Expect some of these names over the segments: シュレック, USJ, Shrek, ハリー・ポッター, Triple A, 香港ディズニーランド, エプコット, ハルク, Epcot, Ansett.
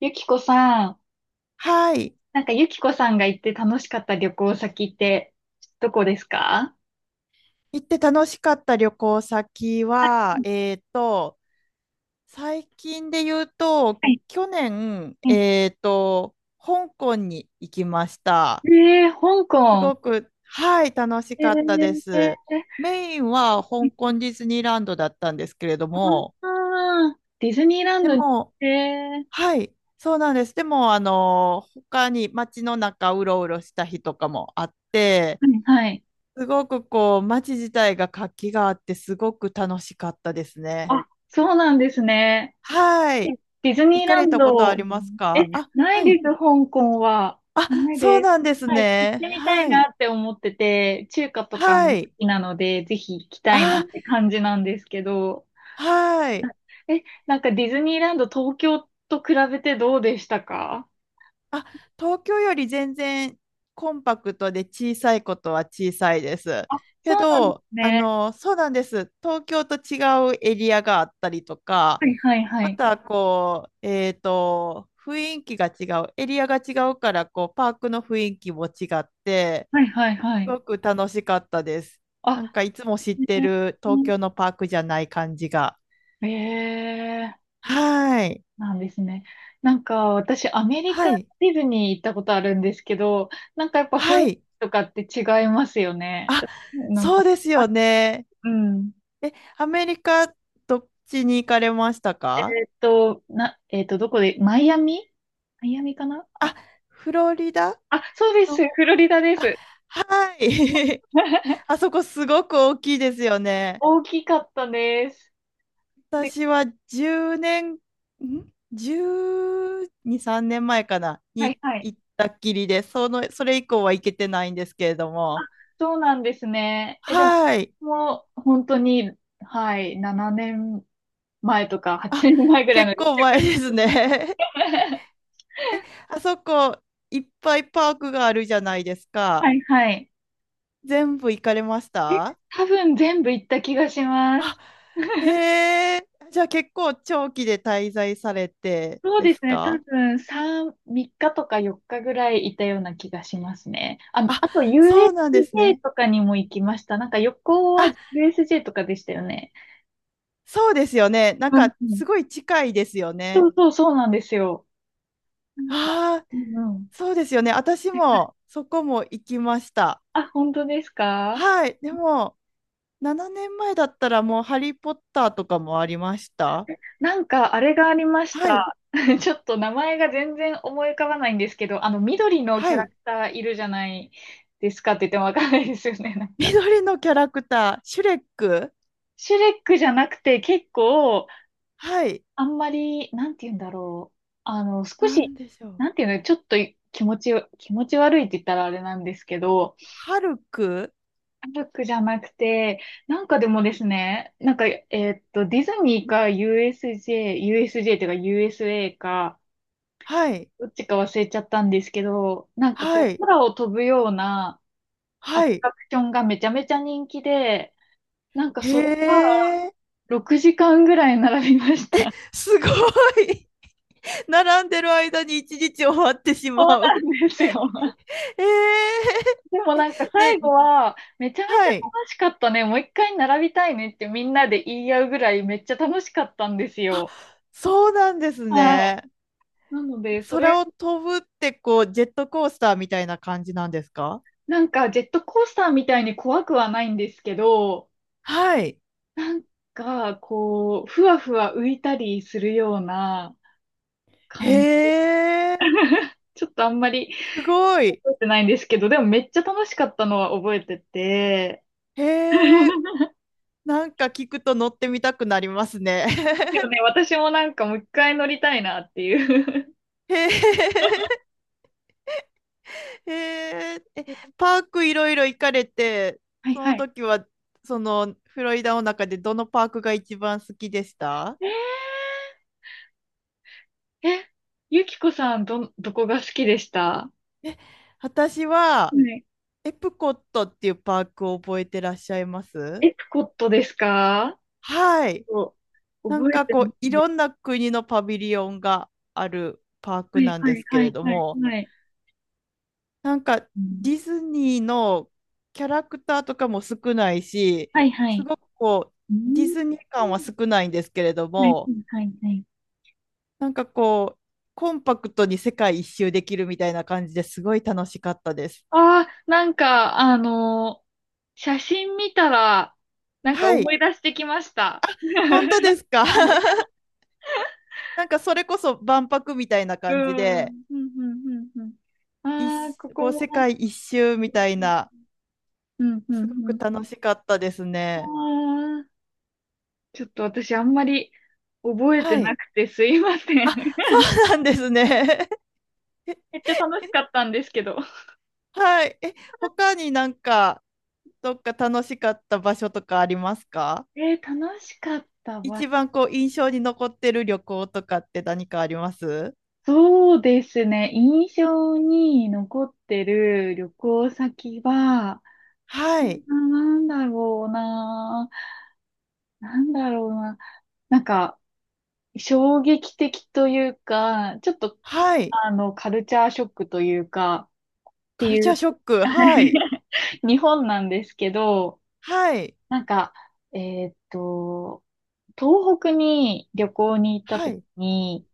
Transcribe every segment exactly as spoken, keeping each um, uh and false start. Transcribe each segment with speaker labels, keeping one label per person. Speaker 1: ゆきこさん、
Speaker 2: はい。
Speaker 1: なんかゆきこさんが行って楽しかった旅行先ってどこですか？
Speaker 2: 行って楽しかった旅行先は、えっと、最近で言うと、
Speaker 1: はい。
Speaker 2: 去年、
Speaker 1: うん。
Speaker 2: えっと、香港に行きました。
Speaker 1: ええー、香
Speaker 2: す
Speaker 1: 港。
Speaker 2: ごく、はい、楽し
Speaker 1: えう
Speaker 2: かったで
Speaker 1: ん。
Speaker 2: す。メインは香
Speaker 1: ー、
Speaker 2: 港ディズニーランドだったんですけれども、
Speaker 1: あーディズニーラン
Speaker 2: で
Speaker 1: ドに、
Speaker 2: も、
Speaker 1: ええ。
Speaker 2: はい、そうなんです。でも、あの、他に街の中うろうろした日とかもあって、
Speaker 1: はいはい。
Speaker 2: すごくこう、街自体が活気があって、すごく楽しかったですね。
Speaker 1: あ、そうなんですね。
Speaker 2: は
Speaker 1: え、
Speaker 2: い。
Speaker 1: ディズニ
Speaker 2: 行
Speaker 1: ー
Speaker 2: か
Speaker 1: ラ
Speaker 2: れ
Speaker 1: ン
Speaker 2: たことあ
Speaker 1: ド、
Speaker 2: ります
Speaker 1: え、
Speaker 2: かあ、
Speaker 1: な
Speaker 2: は
Speaker 1: いで
Speaker 2: い。
Speaker 1: す、香港は。
Speaker 2: あ、
Speaker 1: ない
Speaker 2: そう
Speaker 1: です。
Speaker 2: なんです
Speaker 1: はい、行っ
Speaker 2: ね。
Speaker 1: てみた
Speaker 2: は
Speaker 1: い
Speaker 2: い。
Speaker 1: なって思ってて、中華とか
Speaker 2: は
Speaker 1: も好
Speaker 2: い。
Speaker 1: きなので、ぜひ行きたいなっ
Speaker 2: あ、
Speaker 1: て感じなんですけど。
Speaker 2: はい。
Speaker 1: え、なんかディズニーランド東京と比べてどうでしたか？
Speaker 2: あ、東京より全然コンパクトで小さいことは小さいです。
Speaker 1: あ、
Speaker 2: け
Speaker 1: そうなんで
Speaker 2: ど、
Speaker 1: す
Speaker 2: あ
Speaker 1: ね。
Speaker 2: の、そうなんです。東京と違うエリアがあったりとか、
Speaker 1: はいはいは
Speaker 2: ま
Speaker 1: い。
Speaker 2: たこう、えっと、雰囲気が違う、エリアが違うから、こう、パークの雰囲気も違って、
Speaker 1: はいはいは
Speaker 2: す
Speaker 1: い。
Speaker 2: ごく楽しかったです。な
Speaker 1: あ、
Speaker 2: んかいつも知ってる東京のパークじゃない感じが。
Speaker 1: ええ
Speaker 2: はい。
Speaker 1: ー、なんですね。なんか私アメリ
Speaker 2: は
Speaker 1: カ
Speaker 2: い。
Speaker 1: ディズニー行ったことあるんですけど、なんかやっぱ雰
Speaker 2: は
Speaker 1: 囲気
Speaker 2: い。
Speaker 1: とかって違いますよね。
Speaker 2: あ、
Speaker 1: なん
Speaker 2: そ
Speaker 1: か、
Speaker 2: うです
Speaker 1: あ、
Speaker 2: よね。
Speaker 1: うん。
Speaker 2: え、アメリカ、どっちに行かれましたか？
Speaker 1: えっと、な、えっと、どこで、マイアミマイアミかな
Speaker 2: あ、
Speaker 1: あ、
Speaker 2: フロリダ
Speaker 1: あ、そうです。
Speaker 2: の、
Speaker 1: フロリダで
Speaker 2: あ、
Speaker 1: す。
Speaker 2: はい。あ そこすごく大きいですよね。
Speaker 1: 大きかったです。で、
Speaker 2: 私はじゅうねん、ん？ じゅうに、さんねんまえかな
Speaker 1: はい
Speaker 2: に
Speaker 1: はい。
Speaker 2: 行ったっきりで、その、それ以降は行けてないんですけれど
Speaker 1: あ、
Speaker 2: も。
Speaker 1: そうなんですね。え、でも、
Speaker 2: はい。
Speaker 1: もう本当に、はい、ななねんまえとか8
Speaker 2: あ、
Speaker 1: 年前ぐらいの
Speaker 2: 結
Speaker 1: 離職
Speaker 2: 構前
Speaker 1: く
Speaker 2: ですね。
Speaker 1: らい
Speaker 2: あそこ、いっぱいパークがあるじゃないです か。
Speaker 1: はいはい。
Speaker 2: 全部行かれました？
Speaker 1: 多分全部行った気がしま
Speaker 2: あ、
Speaker 1: す。
Speaker 2: へえ。じゃあ結構長期で滞在されて
Speaker 1: そう
Speaker 2: で
Speaker 1: です
Speaker 2: す
Speaker 1: ね。多
Speaker 2: か？
Speaker 1: 分さん、みっかとかよっかぐらいいたような気がしますね。あ、
Speaker 2: あ、
Speaker 1: あと
Speaker 2: そうなんです
Speaker 1: ユーエスジェー
Speaker 2: ね。
Speaker 1: とかにも行きました。なんか横は
Speaker 2: あ、
Speaker 1: ユーエスジェー とかでしたよね。
Speaker 2: そうですよね。なん
Speaker 1: うん
Speaker 2: か
Speaker 1: うん。
Speaker 2: すごい近いですよ
Speaker 1: そ
Speaker 2: ね。
Speaker 1: うそう、そうなんですよ。なんか、
Speaker 2: ああ、
Speaker 1: うんうん。
Speaker 2: そうですよね。私もそこも行きました。
Speaker 1: あ、本当ですか？
Speaker 2: はい。でも、ななねんまえだったらもうハリー・ポッターとかもありました。
Speaker 1: なんか、あれがありまし
Speaker 2: はい。
Speaker 1: た。ちょっと名前が全然思い浮かばないんですけど、あの、緑のキ
Speaker 2: は
Speaker 1: ャラク
Speaker 2: い。
Speaker 1: ターいるじゃないですかって言ってもわかんないですよね、なんか。
Speaker 2: 緑のキャラクター、シュレック。
Speaker 1: シュレックじゃなくて、結構、
Speaker 2: はい。
Speaker 1: あんまり、なんて言うんだろう。あの、少
Speaker 2: な
Speaker 1: し、
Speaker 2: んでしょう。
Speaker 1: なんていうの、ちょっと気持ちよ、気持ち悪いって言ったらあれなんですけど、
Speaker 2: ハルク。
Speaker 1: シュレックじゃなくて、なんかでもですね、なんか、えーっと、ディズニーか ユーエスジェー、ユーエスジェー っていうか ユーエスエー か、
Speaker 2: はい。
Speaker 1: どっちか忘れちゃったんですけど、なんか
Speaker 2: は
Speaker 1: こう、
Speaker 2: い。
Speaker 1: 空を飛ぶようなア
Speaker 2: は
Speaker 1: ト
Speaker 2: い。
Speaker 1: ラクションがめちゃめちゃ人気で、なんか
Speaker 2: へ
Speaker 1: それが
Speaker 2: え、
Speaker 1: ろくじかんぐらい並びました。
Speaker 2: すごい。並んでる間に一日終わってし
Speaker 1: そ
Speaker 2: ま
Speaker 1: う
Speaker 2: う。
Speaker 1: なんですよ。
Speaker 2: え
Speaker 1: でもなんか
Speaker 2: え。
Speaker 1: 最
Speaker 2: で、
Speaker 1: 後は、めちゃめち
Speaker 2: は
Speaker 1: ゃ
Speaker 2: い。
Speaker 1: 楽しかったね。もう一回並びたいねってみんなで言い合うぐらいめっちゃ楽しかったんです
Speaker 2: あ、
Speaker 1: よ。
Speaker 2: そうなんです
Speaker 1: はい。
Speaker 2: ね。
Speaker 1: なので、それ、
Speaker 2: 空を飛ぶってこうジェットコースターみたいな感じなんですか？
Speaker 1: なんかジェットコースターみたいに怖くはないんですけど、
Speaker 2: はい。
Speaker 1: が、こう、ふわふわ浮いたりするような感じ、
Speaker 2: へえ、
Speaker 1: ちょっとあんまり
Speaker 2: すご
Speaker 1: 覚
Speaker 2: い。
Speaker 1: えてないんですけど、でもめっちゃ楽しかったのは覚えてて、
Speaker 2: へえ、なんか聞くと乗ってみたくなりますね。
Speaker 1: ですよね、私もなんかもう一回乗りたいなっていう
Speaker 2: へえ、へえ、え、 パークいろいろ行かれて、
Speaker 1: はい
Speaker 2: その
Speaker 1: はい。
Speaker 2: 時はそのフロリダの中でどのパークが一番好きでした？
Speaker 1: えー、え、ゆきこさん、ど、どこが好きでした
Speaker 2: 私は
Speaker 1: はい。
Speaker 2: エプコットっていうパークを覚えてらっしゃいます？
Speaker 1: エプコットですか？
Speaker 2: はい。
Speaker 1: そう
Speaker 2: なん
Speaker 1: 覚え
Speaker 2: か
Speaker 1: て
Speaker 2: こ
Speaker 1: ま
Speaker 2: うい
Speaker 1: すね。
Speaker 2: ろんな国のパビリオンがあるパー
Speaker 1: は
Speaker 2: ク
Speaker 1: い
Speaker 2: なん
Speaker 1: は
Speaker 2: で
Speaker 1: い
Speaker 2: すけ
Speaker 1: は
Speaker 2: れ
Speaker 1: い
Speaker 2: ど
Speaker 1: はい
Speaker 2: も、
Speaker 1: はい。
Speaker 2: なんか
Speaker 1: うん、
Speaker 2: ディズニーのキャラクターとかも少ないし、
Speaker 1: はいは
Speaker 2: す
Speaker 1: い。
Speaker 2: ごくこう
Speaker 1: う
Speaker 2: ディ
Speaker 1: ん。
Speaker 2: ズニー感は少ないんですけれど
Speaker 1: はいは
Speaker 2: も、
Speaker 1: いはいはい。
Speaker 2: なんかこうコンパクトに世界一周できるみたいな感じですごい楽しかったです。
Speaker 1: ああ、なんか、あの写真見たら、なんか
Speaker 2: は
Speaker 1: 思
Speaker 2: い、
Speaker 1: い出してきました。
Speaker 2: 本当 ですか？
Speaker 1: はい。
Speaker 2: なんかそれこそ万博みたいな
Speaker 1: う
Speaker 2: 感じ
Speaker 1: ん。う
Speaker 2: で、
Speaker 1: ん、うん、うん、うん。ああ、
Speaker 2: 一、
Speaker 1: ここ
Speaker 2: こう
Speaker 1: も
Speaker 2: 世
Speaker 1: なんか、
Speaker 2: 界一周みたい
Speaker 1: うん、
Speaker 2: な、
Speaker 1: うん、う
Speaker 2: すごく楽
Speaker 1: ん
Speaker 2: しかったですね。
Speaker 1: うん。ああ、ちょっと私あんまり覚えて
Speaker 2: は
Speaker 1: な
Speaker 2: い。
Speaker 1: くてすいません。
Speaker 2: あ、そう なんですね。
Speaker 1: めっちゃ楽しかったんですけど。
Speaker 2: はい。え、他になんか、どっか楽しかった場所とかありますか？
Speaker 1: えー、楽しかったわ。
Speaker 2: 一番こう、印象に残ってる旅行とかって何かあります？
Speaker 1: そうですね。印象に残ってる旅行先は、う
Speaker 2: はい。
Speaker 1: ん、なんだろうな。なんだろうな。なんか、衝撃的というか、ちょっと、
Speaker 2: はい。
Speaker 1: あの、カルチャーショックというか、って
Speaker 2: カル
Speaker 1: い
Speaker 2: チャー
Speaker 1: う
Speaker 2: ショック。はい。
Speaker 1: 日本なんですけど、
Speaker 2: はい。
Speaker 1: なんか、えーっと、東北に旅行に行った
Speaker 2: は
Speaker 1: 時
Speaker 2: い。
Speaker 1: に、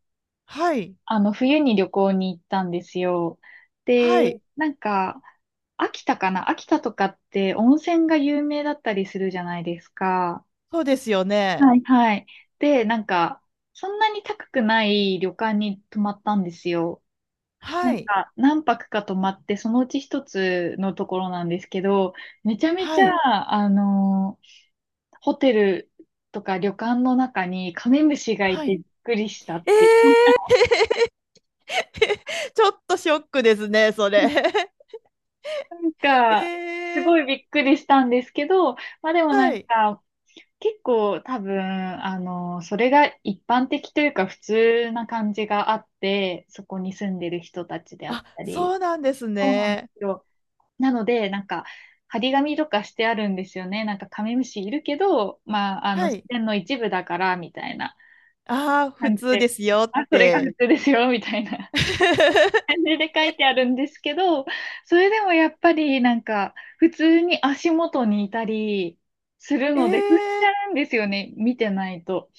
Speaker 2: はい。
Speaker 1: あの、冬に旅行に行ったんですよ。で、
Speaker 2: はい。
Speaker 1: なんか、秋田かな、秋田とかって温泉が有名だったりするじゃないですか。
Speaker 2: そうですよね。
Speaker 1: はいはい。で、なんか、そんなに高くない旅館に泊まったんですよ。
Speaker 2: は
Speaker 1: なん
Speaker 2: い。
Speaker 1: か何泊か泊まって、そのうち一つのところなんですけど、めちゃめち
Speaker 2: はい。
Speaker 1: ゃ、あの、ホテルとか旅館の中にカメムシがい
Speaker 2: は
Speaker 1: て
Speaker 2: い。
Speaker 1: びっくりしたっ
Speaker 2: え
Speaker 1: ていう。
Speaker 2: ー、ちょっとショックですね、それ。
Speaker 1: なん か、す
Speaker 2: え
Speaker 1: ごい
Speaker 2: ー、
Speaker 1: びっくりしたんですけど、まあでもな
Speaker 2: は
Speaker 1: ん
Speaker 2: い。
Speaker 1: か、結構多分、あの、それが一般的というか普通な感じがあって、そこに住んでる人たちであっ
Speaker 2: あ、
Speaker 1: たり。
Speaker 2: そうなんです
Speaker 1: そうなんで
Speaker 2: ね。
Speaker 1: すよ。なので、なんか、張り紙とかしてあるんですよね。なんか、カメムシいるけど、まあ、あの、
Speaker 2: は
Speaker 1: 自
Speaker 2: い。
Speaker 1: 然の一部だから、みたいな
Speaker 2: ああ、普
Speaker 1: 感じ
Speaker 2: 通
Speaker 1: で、
Speaker 2: ですよっ
Speaker 1: あ、それが普
Speaker 2: て。
Speaker 1: 通ですよ、みたいな感 じで書いてあるんですけど、それでもやっぱり、なんか、普通に足元にいたりする
Speaker 2: え
Speaker 1: ので、踏んじ
Speaker 2: え、
Speaker 1: ゃうんですよね、見てないと。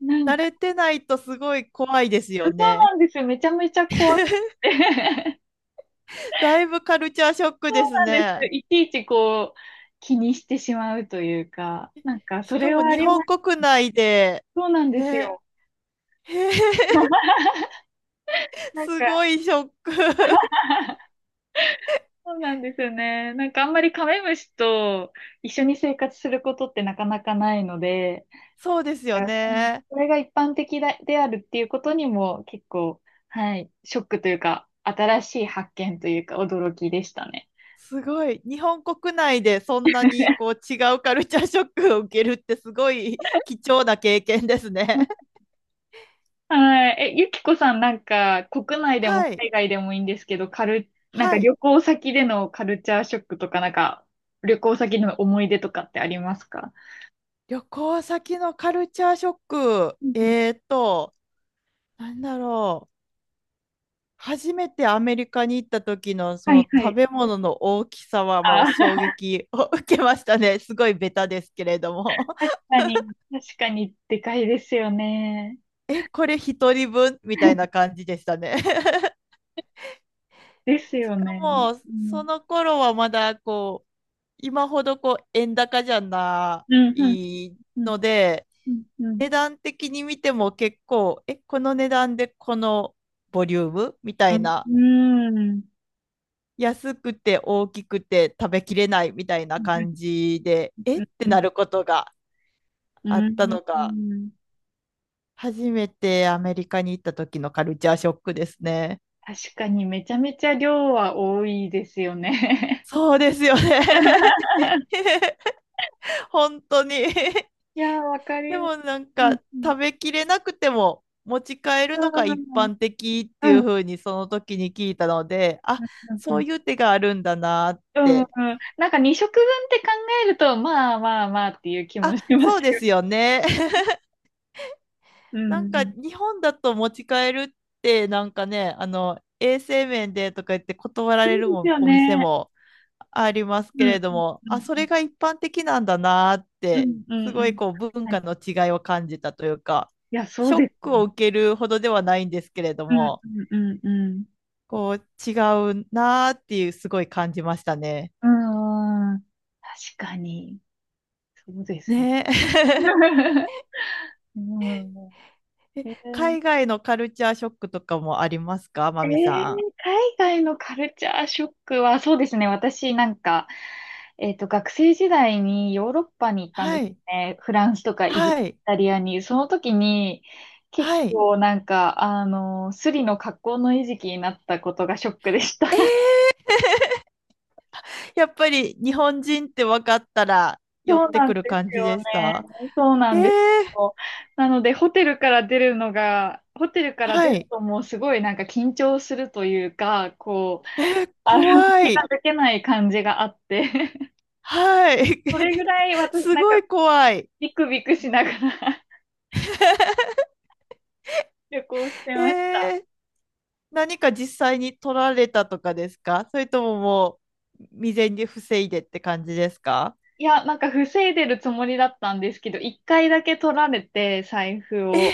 Speaker 1: なん
Speaker 2: 慣
Speaker 1: か、
Speaker 2: れてないとすごい怖いです
Speaker 1: そ
Speaker 2: よ
Speaker 1: う
Speaker 2: ね。
Speaker 1: なんですよ。めちゃめちゃ怖く て。
Speaker 2: だいぶカルチャーショック
Speaker 1: そ
Speaker 2: で
Speaker 1: う
Speaker 2: す
Speaker 1: なんです。
Speaker 2: ね。
Speaker 1: いちいちこう、気にしてしまうというか、なんか、そ
Speaker 2: しか
Speaker 1: れ
Speaker 2: も
Speaker 1: はあ
Speaker 2: 日
Speaker 1: りま
Speaker 2: 本
Speaker 1: す。
Speaker 2: 国内で、
Speaker 1: そうなんです
Speaker 2: ね、
Speaker 1: よ。
Speaker 2: へえ、
Speaker 1: なんか、
Speaker 2: すごいショック。
Speaker 1: そうなんですよね。なんかあんまりカメムシと一緒に生活することってなかなかないので、
Speaker 2: そうですよ
Speaker 1: うん、
Speaker 2: ね。
Speaker 1: それが一般的だであるっていうことにも結構、はい、ショックというか、新しい発見というか驚きでしたね。
Speaker 2: すごい。日本国内でそんなにこう違うカルチャーショックを受けるってすごい貴重な経験です
Speaker 1: うん、
Speaker 2: ね。
Speaker 1: はい。え、ゆきこさん、なんか国 内でも
Speaker 2: はい。
Speaker 1: 海外でもいいんですけど、カル、なんか
Speaker 2: はい。
Speaker 1: 旅行先でのカルチャーショックとか、なんか旅行先での思い出とかってありますか？
Speaker 2: 旅行先のカルチャーショック。
Speaker 1: うんうん、
Speaker 2: えーと、なんだろう。初めてアメリカに行った時のそ
Speaker 1: は
Speaker 2: の
Speaker 1: いは
Speaker 2: 食
Speaker 1: い。
Speaker 2: べ物の大きさはも
Speaker 1: あ
Speaker 2: う
Speaker 1: ー、
Speaker 2: 衝撃を受けましたね。すごいベタですけれども。
Speaker 1: 確 かに、確かにでかいですよね。
Speaker 2: え、これ一人分みたいな感じでしたね。
Speaker 1: です
Speaker 2: し
Speaker 1: よ
Speaker 2: か
Speaker 1: ね。
Speaker 2: も、
Speaker 1: う
Speaker 2: そ
Speaker 1: ん。
Speaker 2: の頃はまだこう、今ほどこう円高じゃな
Speaker 1: うん、うん、
Speaker 2: い
Speaker 1: うん、
Speaker 2: ので、
Speaker 1: うん、うん。
Speaker 2: 値段的に見ても結構、え、この値段でこのボリュームみた
Speaker 1: う
Speaker 2: い
Speaker 1: ん、
Speaker 2: な、
Speaker 1: うん、
Speaker 2: 安くて大きくて食べきれないみたいな感じで、えってなることが
Speaker 1: う
Speaker 2: あった
Speaker 1: ん、
Speaker 2: の
Speaker 1: う
Speaker 2: が、
Speaker 1: ん。
Speaker 2: 初めてアメリカに行った時のカルチャーショックですね。
Speaker 1: 確かにめちゃめちゃ量は多いですよね。
Speaker 2: そうですよね。本当に。
Speaker 1: いやー、わかり
Speaker 2: で
Speaker 1: ます。
Speaker 2: もなん
Speaker 1: うん、
Speaker 2: か
Speaker 1: うん、
Speaker 2: 食べきれなくても持ち帰る
Speaker 1: う
Speaker 2: のが一
Speaker 1: ん、うん、
Speaker 2: 般的ってい
Speaker 1: う
Speaker 2: う
Speaker 1: ん、
Speaker 2: 風にその時に聞いたので、あ、そういう手があるんだなっ
Speaker 1: うん、うん。
Speaker 2: て。
Speaker 1: なんかに食分って考えると、まあまあまあっていう気も
Speaker 2: あ、
Speaker 1: しま
Speaker 2: そ
Speaker 1: す
Speaker 2: うで
Speaker 1: よ。
Speaker 2: すよね。
Speaker 1: う
Speaker 2: なんか
Speaker 1: ん。
Speaker 2: 日本だと持ち帰るってなんかね、あの衛生面でとか言って断ら
Speaker 1: そ
Speaker 2: れ
Speaker 1: う
Speaker 2: る
Speaker 1: です
Speaker 2: も
Speaker 1: よ
Speaker 2: お店
Speaker 1: ね。
Speaker 2: もあります
Speaker 1: う
Speaker 2: け
Speaker 1: ん、
Speaker 2: れど
Speaker 1: うん、
Speaker 2: も、あ、そ
Speaker 1: うん。
Speaker 2: れが一般的なんだなーっ
Speaker 1: う
Speaker 2: て、
Speaker 1: んう
Speaker 2: す
Speaker 1: んう
Speaker 2: ごい
Speaker 1: ん。
Speaker 2: こう文
Speaker 1: はい、
Speaker 2: 化の違いを感じたというか、
Speaker 1: いや、そ
Speaker 2: シ
Speaker 1: う
Speaker 2: ョ
Speaker 1: で
Speaker 2: ッ
Speaker 1: す。
Speaker 2: クを受けるほどではないんですけれど
Speaker 1: うん
Speaker 2: も、
Speaker 1: うんうんうん。
Speaker 2: こう違うなーっていうすごい感じましたね。
Speaker 1: うんん。確かに。そうですよ。
Speaker 2: ねえ。
Speaker 1: うん。
Speaker 2: え、
Speaker 1: えー
Speaker 2: 海外のカルチャーショックとかもありますか、マ
Speaker 1: えー
Speaker 2: ミさん。
Speaker 1: 海外のカルチャーショックは、そうですね。私なんか、えっと、学生時代にヨーロッパに行ったんで
Speaker 2: は
Speaker 1: す
Speaker 2: い。
Speaker 1: ね。フランスとかイ
Speaker 2: はい。
Speaker 1: タリアに。その時に、結
Speaker 2: はい。
Speaker 1: 構なんか、あの、スリの格好の餌食になったことがショックでした。
Speaker 2: やっぱり日本人って分かったら寄
Speaker 1: そ
Speaker 2: っ
Speaker 1: う
Speaker 2: て
Speaker 1: なん
Speaker 2: く
Speaker 1: で
Speaker 2: る感
Speaker 1: す
Speaker 2: じ
Speaker 1: よ
Speaker 2: でし
Speaker 1: ね。
Speaker 2: た？
Speaker 1: そうな
Speaker 2: えー、
Speaker 1: んですよ。なので、ホテルから出るのが、ホテルから出
Speaker 2: は
Speaker 1: る
Speaker 2: い。
Speaker 1: ともうすごいなんか緊張するというか、こう、
Speaker 2: え、
Speaker 1: あの、
Speaker 2: 怖
Speaker 1: 気が
Speaker 2: い。
Speaker 1: 抜けない感じがあって、
Speaker 2: はい。
Speaker 1: それぐ らい私、
Speaker 2: す
Speaker 1: なん
Speaker 2: ご
Speaker 1: か
Speaker 2: い怖い。
Speaker 1: ビクビクしながら 旅行してました。
Speaker 2: えー、何か実際に取られたとかですか、それとももう未然に防いでって感じですか？
Speaker 1: いや、なんか防いでるつもりだったんですけど、一回だけ取られて、財布を。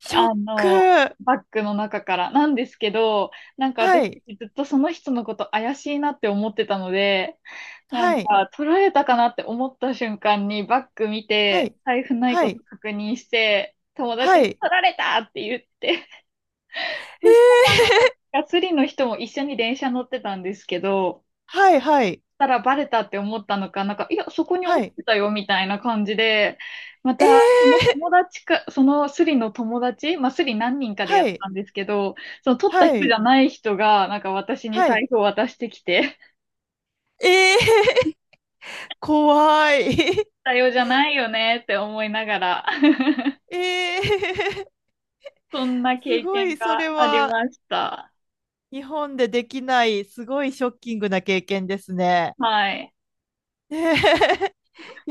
Speaker 2: ショッ
Speaker 1: あの、
Speaker 2: ク。
Speaker 1: バッグの中から。なんですけど、なんか私
Speaker 2: はい。
Speaker 1: ずっとその人のこと怪しいなって思ってたので、なん
Speaker 2: はい。
Speaker 1: か取られたかなって思った瞬間にバッグ見
Speaker 2: は
Speaker 1: て、
Speaker 2: い。
Speaker 1: 財布ない
Speaker 2: は
Speaker 1: こと
Speaker 2: い。
Speaker 1: 確認して、友達
Speaker 2: は
Speaker 1: に
Speaker 2: い。
Speaker 1: 取られたって言って、
Speaker 2: え
Speaker 1: そした
Speaker 2: ー、
Speaker 1: ら、ガスリの人も一緒に電車乗ってたんですけど、
Speaker 2: はい。はい。
Speaker 1: たらバレたって思ったのか、なんか、いや、そこに
Speaker 2: は
Speaker 1: 落ち
Speaker 2: い。
Speaker 1: てたよ、みたいな感じで、ま
Speaker 2: えー、
Speaker 1: た、その友達か、そのスリの友達、まあ、スリ何人かで
Speaker 2: は
Speaker 1: やっ
Speaker 2: い。
Speaker 1: たんですけど、その取った
Speaker 2: は
Speaker 1: 人じ
Speaker 2: い。
Speaker 1: ゃない人が、なんか私に
Speaker 2: は
Speaker 1: 財
Speaker 2: い。
Speaker 1: 布を渡してきて、
Speaker 2: えー怖い。
Speaker 1: だよじゃないよねって思いながら、
Speaker 2: えー、
Speaker 1: そんな
Speaker 2: す
Speaker 1: 経
Speaker 2: ご
Speaker 1: 験
Speaker 2: い、そ
Speaker 1: が
Speaker 2: れ
Speaker 1: あり
Speaker 2: は
Speaker 1: ました。
Speaker 2: 日本でできない、すごいショッキングな経験ですね。
Speaker 1: はい。
Speaker 2: ねえ い